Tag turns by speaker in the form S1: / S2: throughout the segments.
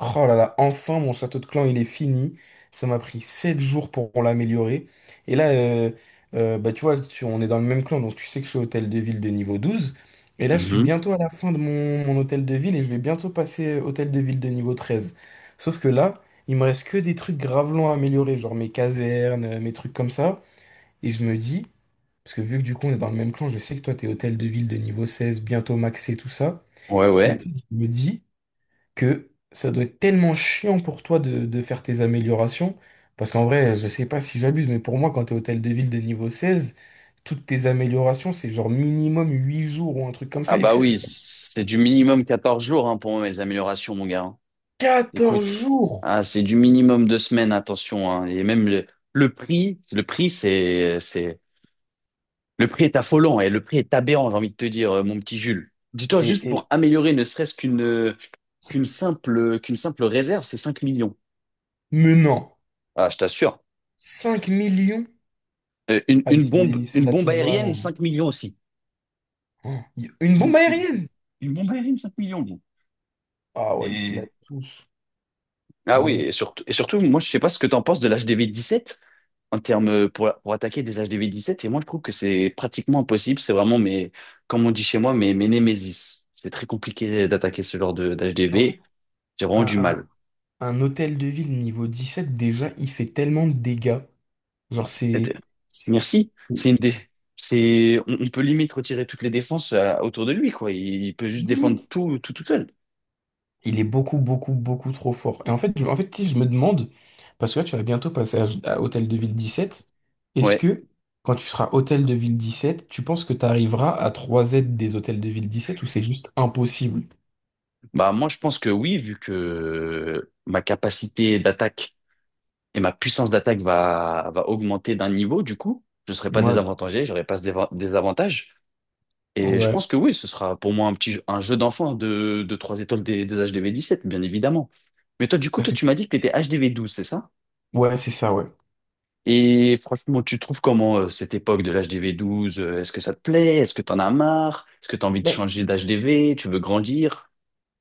S1: Oh là là, enfin mon château de clan il est fini. Ça m'a pris 7 jours pour l'améliorer. Et là, bah, tu vois, on est dans le même clan, donc tu sais que je suis hôtel de ville de niveau 12. Et là, je suis
S2: Mhm.
S1: bientôt à la fin de mon hôtel de ville et je vais bientôt passer hôtel de ville de niveau 13. Sauf que là, il me reste que des trucs grave longs à améliorer, genre mes casernes, mes trucs comme ça. Et je me dis, parce que vu que du coup on est dans le même clan, je sais que toi t'es hôtel de ville de niveau 16, bientôt maxé, tout ça.
S2: Ouais,
S1: Et en
S2: ouais.
S1: fait, je me dis que ça doit être tellement chiant pour toi de faire tes améliorations. Parce qu'en vrai, je sais pas si j'abuse, mais pour moi, quand t'es hôtel de ville de niveau 16 toutes tes améliorations, c'est genre minimum 8 jours ou un truc comme
S2: Ah
S1: ça. Est-ce
S2: bah
S1: que
S2: oui,
S1: c'est pas
S2: c'est du minimum 14 jours, hein, pour moi, les améliorations, mon gars, hein.
S1: 14
S2: Écoute,
S1: jours?
S2: ah, c'est du minimum 2 semaines, attention, hein. Et même le prix, le prix est affolant et le prix est aberrant, j'ai envie de te dire, mon petit Jules. Dis-toi, juste
S1: Et,
S2: pour
S1: et
S2: améliorer ne serait-ce qu'une simple réserve, c'est 5 millions.
S1: menant
S2: Ah, je t'assure.
S1: 5 millions? Ah, il se
S2: Une
S1: la
S2: bombe
S1: touche
S2: aérienne,
S1: vraiment.
S2: 5 millions aussi.
S1: Oh, une bombe
S2: Une, une-
S1: aérienne!
S2: une bombe aérienne, 5 millions, gros.
S1: Ah ouais, il se la touche.
S2: Ah oui,
S1: Mais
S2: et surtout, moi, je sais pas ce que tu en penses de l'HDV 17 en termes, pour attaquer des HDV 17. Et moi, je trouve que c'est pratiquement impossible. C'est vraiment mes, comme on dit chez moi, mes némésis. C'est très compliqué d'attaquer ce genre de
S1: en fait,
S2: d'HDV. J'ai
S1: un,
S2: vraiment du mal.
S1: un, un hôtel de ville niveau 17 déjà, il fait tellement de dégâts. Genre,
S2: Et t'es-
S1: c'est.
S2: Merci. On peut limite retirer toutes les défenses, autour de lui, quoi. Il peut juste défendre
S1: Limite.
S2: tout, tout, tout seul.
S1: Il est beaucoup, beaucoup, beaucoup trop fort. Et en fait, en fait, si je me demande, parce que là, tu vas bientôt passer à Hôtel de Ville 17, est-ce
S2: Ouais.
S1: que quand tu seras Hôtel de Ville 17, tu penses que tu arriveras à trois z des Hôtels de Ville 17 ou c'est juste impossible?
S2: Bah, moi, je pense que oui, vu que ma capacité d'attaque et ma puissance d'attaque va augmenter d'un niveau, du coup, je ne serai pas
S1: Ouais,
S2: désavantagé, j'aurai pas ce désavantage. Et je
S1: ouais.
S2: pense que oui, ce sera pour moi un un jeu d'enfant de 3 étoiles des HDV 17, bien évidemment. Mais toi, du coup,
S1: Parce
S2: toi,
S1: que-
S2: tu m'as dit que tu étais HDV 12, c'est ça?
S1: Ouais, c'est ça, ouais.
S2: Et franchement, tu trouves comment, cette époque de l'HDV 12? Est-ce que ça te plaît? Est-ce que t'en as marre? Est-ce que t'as envie de
S1: Mais
S2: changer d'HDV? Tu veux grandir?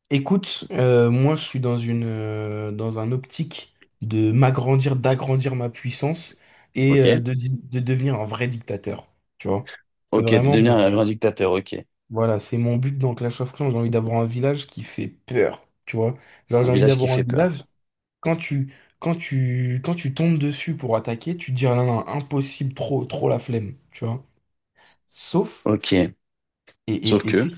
S1: écoute, moi, je suis dans une, dans un optique de m'agrandir, d'agrandir ma puissance et
S2: Ok.
S1: de devenir un vrai dictateur. Tu vois? C'est
S2: Ok, de
S1: vraiment.
S2: devenir un
S1: euh,
S2: grand dictateur, ok.
S1: Voilà, c'est mon but dans Clash of Clans. J'ai envie d'avoir un village qui fait peur, tu vois. Genre,
S2: Un
S1: j'ai envie
S2: village qui
S1: d'avoir un
S2: fait peur.
S1: village. Quand tu, quand tu tombes dessus pour attaquer, tu te dis, ah non, non, impossible, trop, trop la flemme, tu vois. Sauf,
S2: Ok.
S1: et, et,
S2: Sauf
S1: et tu sais
S2: que.
S1: que,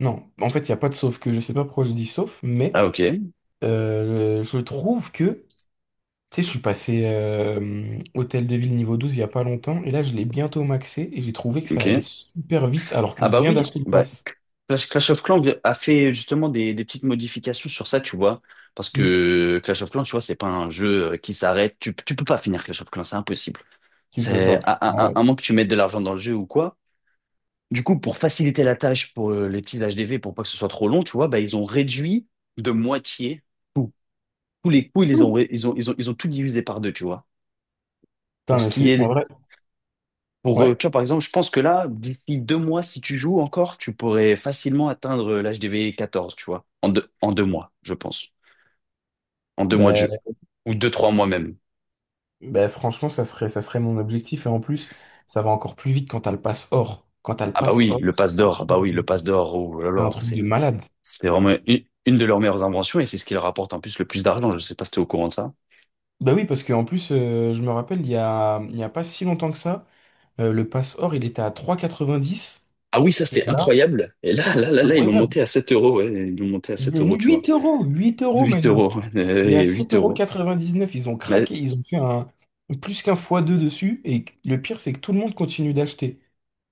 S1: non, en fait, il n'y a pas de sauf que. Je sais pas pourquoi je dis sauf, mais
S2: Ah, ok.
S1: je trouve que, tu sais, je suis passé Hôtel de Ville niveau 12 il y a pas longtemps, et là, je l'ai bientôt maxé, et j'ai trouvé que ça
S2: Ok.
S1: allait super vite, alors que
S2: Ah
S1: je
S2: bah
S1: viens
S2: oui,
S1: d'acheter le
S2: bah
S1: pass.
S2: Clash of Clans a fait justement des petites modifications sur ça, tu vois. Parce
S1: Mm.
S2: que Clash of Clans, tu vois, c'est pas un jeu, qui s'arrête. Tu peux pas finir Clash of Clans, c'est impossible.
S1: Tu peux
S2: C'est
S1: pas.
S2: à, à, à
S1: Ouais.
S2: à moins que tu mettes de l'argent dans le jeu ou quoi. Du coup, pour faciliter la tâche pour, les petits HDV, pour pas que ce soit trop long, tu vois, bah, ils ont réduit de moitié tout. Tous les coûts, ils ont tout divisé par deux, tu vois. Pour
S1: Putain,
S2: ce
S1: mais
S2: qui
S1: c'est en
S2: est
S1: vrai,
S2: Pour,
S1: ouais.
S2: tu vois, par exemple, je pense que là, d'ici 2 mois, si tu joues encore, tu pourrais facilement atteindre, l'âge des V 14, tu vois, en deux mois, je pense. En deux mois de
S1: Ben,
S2: jeu. Ou deux, 3 mois même.
S1: ben franchement, ça serait mon objectif. Et en plus, ça va encore plus vite quand t'as le pass or. Quand t'as le
S2: Ah bah
S1: pass
S2: oui,
S1: or,
S2: le
S1: c'est
S2: passe
S1: un
S2: d'or,
S1: truc de,
S2: oh là
S1: c'est un
S2: là,
S1: truc de
S2: c'est
S1: malade.
S2: c'est vraiment une de leurs meilleures inventions et c'est ce qui leur rapporte en plus le plus d'argent. Je sais pas si t'es au courant de ça.
S1: Bah oui, parce qu'en plus, je me rappelle, il y a pas si longtemps que ça, le pass or, il était à 3,90.
S2: Ah oui, ça,
S1: Et
S2: c'était
S1: là,
S2: incroyable. Et là,
S1: c'est
S2: là, là, là, ils l'ont
S1: incroyable.
S2: monté à 7 euros, ouais, ils l'ont monté à
S1: Il
S2: 7
S1: est
S2: euros, tu vois.
S1: 8 euros. 8 euros,
S2: huit
S1: Manil.
S2: euros, ouais,
S1: Il est
S2: et
S1: à
S2: 8
S1: 7,99
S2: euros.
S1: euros. Quatre-vingt-dix-neuf. Ils ont
S2: Mais,
S1: craqué. Ils ont fait plus qu'un fois deux dessus. Et le pire, c'est que tout le monde continue d'acheter.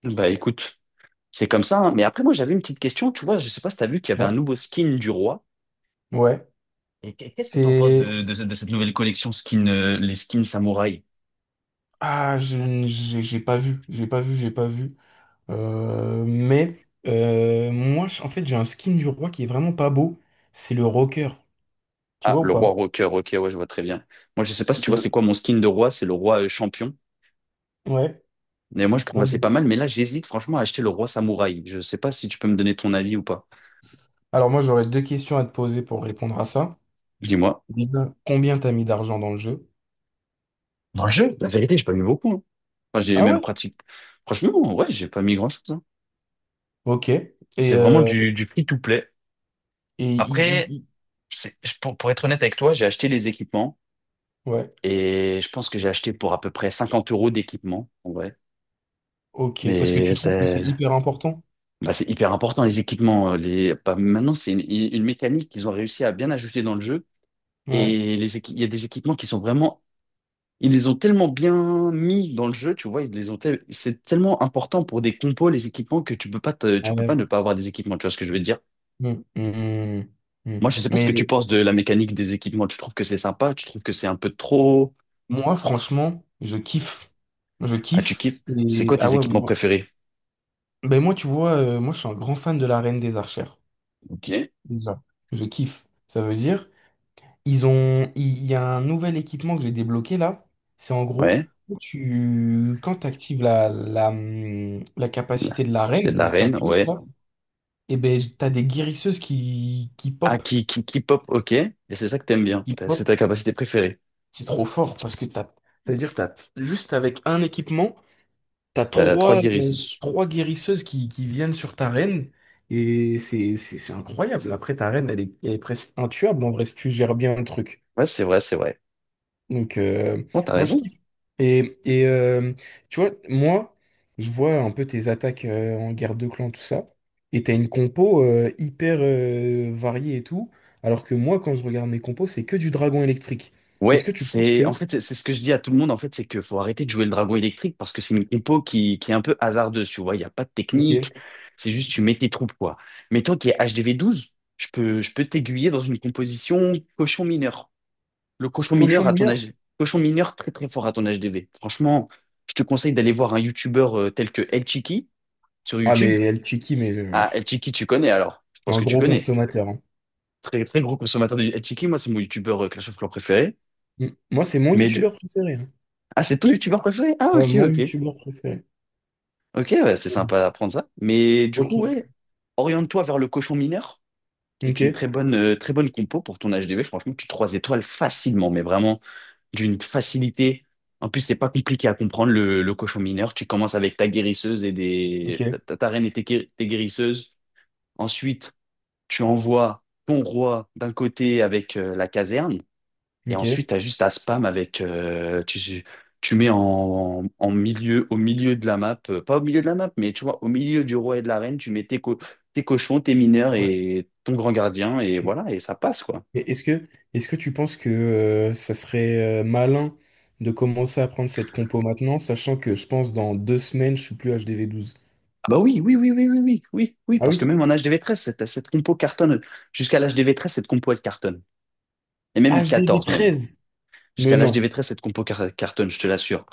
S2: bah écoute, c'est comme ça, hein. Mais après, moi, j'avais une petite question. Tu vois, je sais pas si tu as vu qu'il y avait un
S1: Ouais.
S2: nouveau skin du roi.
S1: Ouais.
S2: Et qu'est-ce que tu en penses
S1: C'est.
S2: de cette nouvelle collection skin, les skins samouraï?
S1: Ah, j'ai pas vu, j'ai pas vu, j'ai pas vu. Mais moi, en fait, j'ai un skin du roi qui est vraiment pas beau. C'est le rocker. Tu
S2: Ah,
S1: vois ou
S2: le roi
S1: pas?
S2: rocker. Ok, ouais, je vois très bien. Moi, je sais pas si tu vois,
S1: Il
S2: c'est quoi mon skin de roi? C'est le roi, champion.
S1: Ouais.
S2: Mais moi, je trouve
S1: Non,
S2: assez pas mal. Mais là, j'hésite franchement à acheter le roi samouraï. Je sais pas si tu peux me donner ton avis ou pas.
S1: Alors moi, j'aurais deux questions à te poser pour répondre à ça.
S2: Dis-moi.
S1: Déjà, combien t'as mis d'argent dans le jeu?
S2: Dans le jeu, la vérité, j'ai pas mis beaucoup, hein. Enfin, j'ai
S1: Ah
S2: même
S1: ouais?
S2: pratique. Franchement, ouais, j'ai pas mis grand-chose, hein.
S1: Ok.
S2: C'est vraiment
S1: Euh,
S2: du free-to-play.
S1: et il- il-
S2: Après,
S1: il-
S2: pour être honnête avec toi, j'ai acheté les équipements.
S1: ouais.
S2: Et je pense que j'ai acheté pour à peu près 50 euros d'équipement, en vrai.
S1: Ok. Parce que tu
S2: Mais
S1: trouves que c'est hyper important?
S2: c'est hyper important, les équipements. Bah, maintenant, c'est une mécanique qu'ils ont réussi à bien ajouter dans le jeu.
S1: Ouais.
S2: Et il y a des équipements qui sont vraiment... Ils les ont tellement bien mis dans le jeu, tu vois, ils les ont tel- c'est tellement important pour des compos, les équipements, que tu peux
S1: Ouais.
S2: pas ne pas avoir des équipements, tu vois ce que je veux dire?
S1: Mm, mm, mm, mm.
S2: Moi, je sais pas ce que
S1: Mais
S2: tu penses de la mécanique des équipements. Tu trouves que c'est sympa? Tu trouves que c'est un peu trop?
S1: moi, franchement, je kiffe. Je
S2: Ah, tu
S1: kiffe.
S2: kiffes? C'est
S1: Et
S2: quoi
S1: ah
S2: tes
S1: ouais,
S2: équipements
S1: moi.
S2: préférés?
S1: Ben moi, tu vois, moi, je suis un grand fan de la Reine des Archères.
S2: Ok.
S1: Déjà, je kiffe. Ça veut dire, il y a un nouvel équipement que j'ai débloqué là. C'est en gros,
S2: Ouais.
S1: quand tu actives la capacité de la
S2: T'es de
S1: reine,
S2: la
S1: donc sa
S2: reine,
S1: flèche
S2: ouais.
S1: là, et ben t'as des guérisseuses qui
S2: Ah,
S1: pop,
S2: qui pop, ok. Et c'est ça que t'aimes bien.
S1: qui
S2: C'est
S1: pop.
S2: ta capacité préférée.
S1: C'est trop fort parce que c'est-à-dire, que t'as juste avec un équipement. T'as
S2: T'as trois
S1: trois, euh,
S2: guérisons.
S1: trois guérisseuses qui viennent sur ta reine et c'est incroyable. Après, ta reine, elle est presque intuable en vrai si tu gères bien le truc.
S2: Ouais, c'est vrai, c'est vrai.
S1: Donc,
S2: Bon, t'as
S1: moi, je
S2: raison.
S1: kiffe. Et, et euh, tu vois, moi, je vois un peu tes attaques en guerre de clan, tout ça. Et t'as une compo hyper variée et tout. Alors que moi, quand je regarde mes compos, c'est que du dragon électrique. Est-ce
S2: Ouais,
S1: que tu penses
S2: en
S1: que.
S2: fait, c'est ce que je dis à tout le monde, en fait, c'est qu'il faut arrêter de jouer le dragon électrique parce que c'est une compo qui est un peu hasardeuse, tu vois. Il n'y a pas de technique.
S1: Ok.
S2: C'est juste, tu mets tes troupes, quoi. Mais toi qui es HDV 12, je peux t'aiguiller dans une composition cochon mineur. Le cochon
S1: Cochon
S2: mineur à ton
S1: mineur?
S2: âge. Cochon mineur très, très fort à ton HDV. Franchement, je te conseille d'aller voir un youtubeur, tel que El Chiqui sur
S1: Ah,
S2: YouTube.
S1: mais elle Chiki, mais
S2: Ah, El Chiki, tu connais alors? Je pense
S1: un
S2: que tu
S1: gros
S2: connais.
S1: consommateur, hein.
S2: Très, très gros consommateur de El Chiki. Moi, c'est mon YouTubeur, Clash of Clans préféré.
S1: Mm. Moi, c'est mon
S2: Mais du-
S1: youtubeur préféré, hein.
S2: Ah, c'est ton youtubeur préféré? Ah,
S1: Ouais,
S2: ok,
S1: mon
S2: ok.
S1: youtubeur préféré.
S2: Ok, ouais, c'est
S1: Mm.
S2: sympa d'apprendre ça. Mais du coup,
S1: Ok.
S2: ouais, oriente-toi vers le cochon mineur, qui
S1: Ok.
S2: est une très bonne compo pour ton HDV. Franchement, tu trois étoiles facilement, mais vraiment d'une facilité. En plus, c'est pas compliqué à comprendre le cochon mineur. Tu commences avec ta guérisseuse et des.
S1: Ok.
S2: Ta reine et tes guérisseuses. Ensuite, tu envoies ton roi d'un côté avec, la caserne, et ensuite
S1: Ok.
S2: tu as juste à spam avec. Tu mets au milieu de la map, pas au milieu de la map, mais tu vois, au milieu du roi et de la reine, tu mets tes cochons, tes mineurs
S1: Ouais.
S2: et ton grand gardien, et
S1: Ok.
S2: voilà, et ça passe, quoi.
S1: Et est-ce que tu penses que ça serait malin de commencer à prendre cette compo maintenant, sachant que je pense dans 2 semaines, je suis plus HDV 12.
S2: Ah bah oui, oui, oui, oui, oui, oui, oui, oui,
S1: Ah
S2: parce que
S1: oui?
S2: même en H D V 13, cette compo cartonne. Jusqu'à l'H D V 13, cette compo, elle cartonne. Et même
S1: HDV
S2: 14 même.
S1: 13?
S2: Jusqu'à
S1: Mais non.
S2: l'HDV 13, cette compo cartonne, je te l'assure.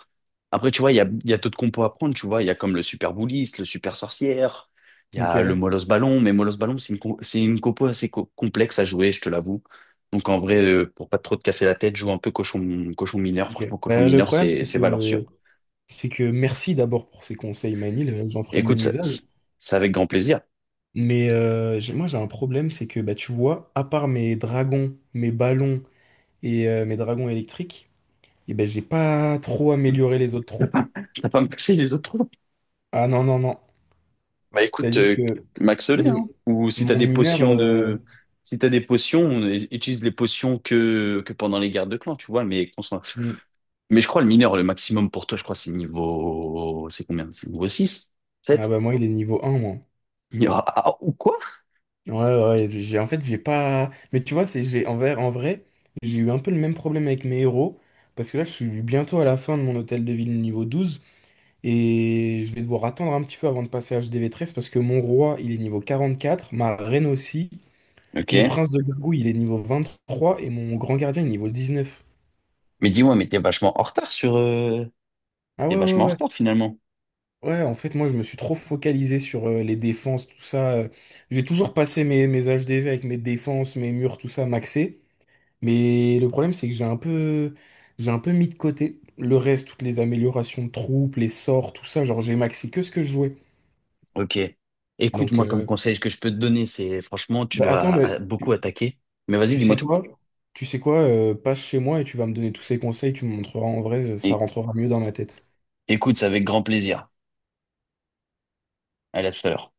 S2: Après, tu vois, il y a d'autres compos à prendre, tu vois. Il y a comme le Super Bouliste, le Super Sorcière, il y a le
S1: Ok.
S2: Molos Ballon, mais Molos Ballon, c'est c'est une compo assez complexe à jouer, je te l'avoue. Donc en vrai, pour pas trop te casser la tête, joue un peu cochon mineur.
S1: Ok.
S2: Franchement, cochon
S1: Bah, le
S2: mineur,
S1: problème,
S2: c'est
S1: c'est
S2: c'est valeur sûre.
S1: que, c'est que merci d'abord pour ces conseils, Manil. J'en ferai
S2: Écoute,
S1: bon usage.
S2: c'est avec grand plaisir.
S1: Mais moi, j'ai un problème, c'est que, bah, tu vois, à part mes dragons, mes ballons, et mes dragons électriques, et ben j'ai pas trop amélioré les autres troupes.
S2: T'as pas me casser les autres.
S1: Ah non, non, non.
S2: Bah écoute,
S1: C'est-à-dire que
S2: maxolé,
S1: mon,
S2: hein. Ou si t'as
S1: mon mineur.
S2: si t'as des potions, utilise les potions que pendant les guerres de clan, tu vois.
S1: Hmm.
S2: Mais je crois le maximum pour toi, je crois c'est combien? C'est niveau 6?
S1: Ah
S2: 7?
S1: bah moi, il est niveau 1 moi.
S2: Ah, ah, ou quoi?
S1: Ouais, ouais, j'ai, en fait, j'ai pas. Mais tu vois, c'est, j'ai, en vrai, j'ai eu un peu le même problème avec mes héros. Parce que là, je suis bientôt à la fin de mon hôtel de ville niveau 12. Et je vais devoir attendre un petit peu avant de passer HDV 13. Parce que mon roi, il est niveau 44. Ma reine aussi. Mon
S2: Ok.
S1: prince de gargouille, il est niveau 23. Et mon grand gardien, il est niveau 19.
S2: Mais dis-moi, mais t'es vachement en retard
S1: Ah ouais, ouais, ouais.
S2: finalement.
S1: Ouais, en fait, moi, je me suis trop focalisé sur les défenses, tout ça. J'ai toujours passé mes H D V avec mes défenses, mes murs, tout ça, maxé. Mais le problème, c'est que j'ai un peu mis de côté le reste, toutes les améliorations de troupes, les sorts, tout ça. Genre, j'ai maxé que ce que je jouais.
S2: Ok. Écoute,
S1: Donc,
S2: moi comme conseil que je peux te donner, c'est franchement, tu
S1: bah,
S2: dois
S1: attends, mais
S2: beaucoup
S1: tu,
S2: attaquer. Mais vas-y,
S1: tu
S2: dis-moi
S1: sais
S2: tout.
S1: quoi? Tu sais quoi? Passe chez moi et tu vas me donner tous ces conseils, tu me montreras en vrai, ça
S2: Et,
S1: rentrera mieux dans ma tête.
S2: écoute, c'est avec grand plaisir. Allez, à tout à l'heure.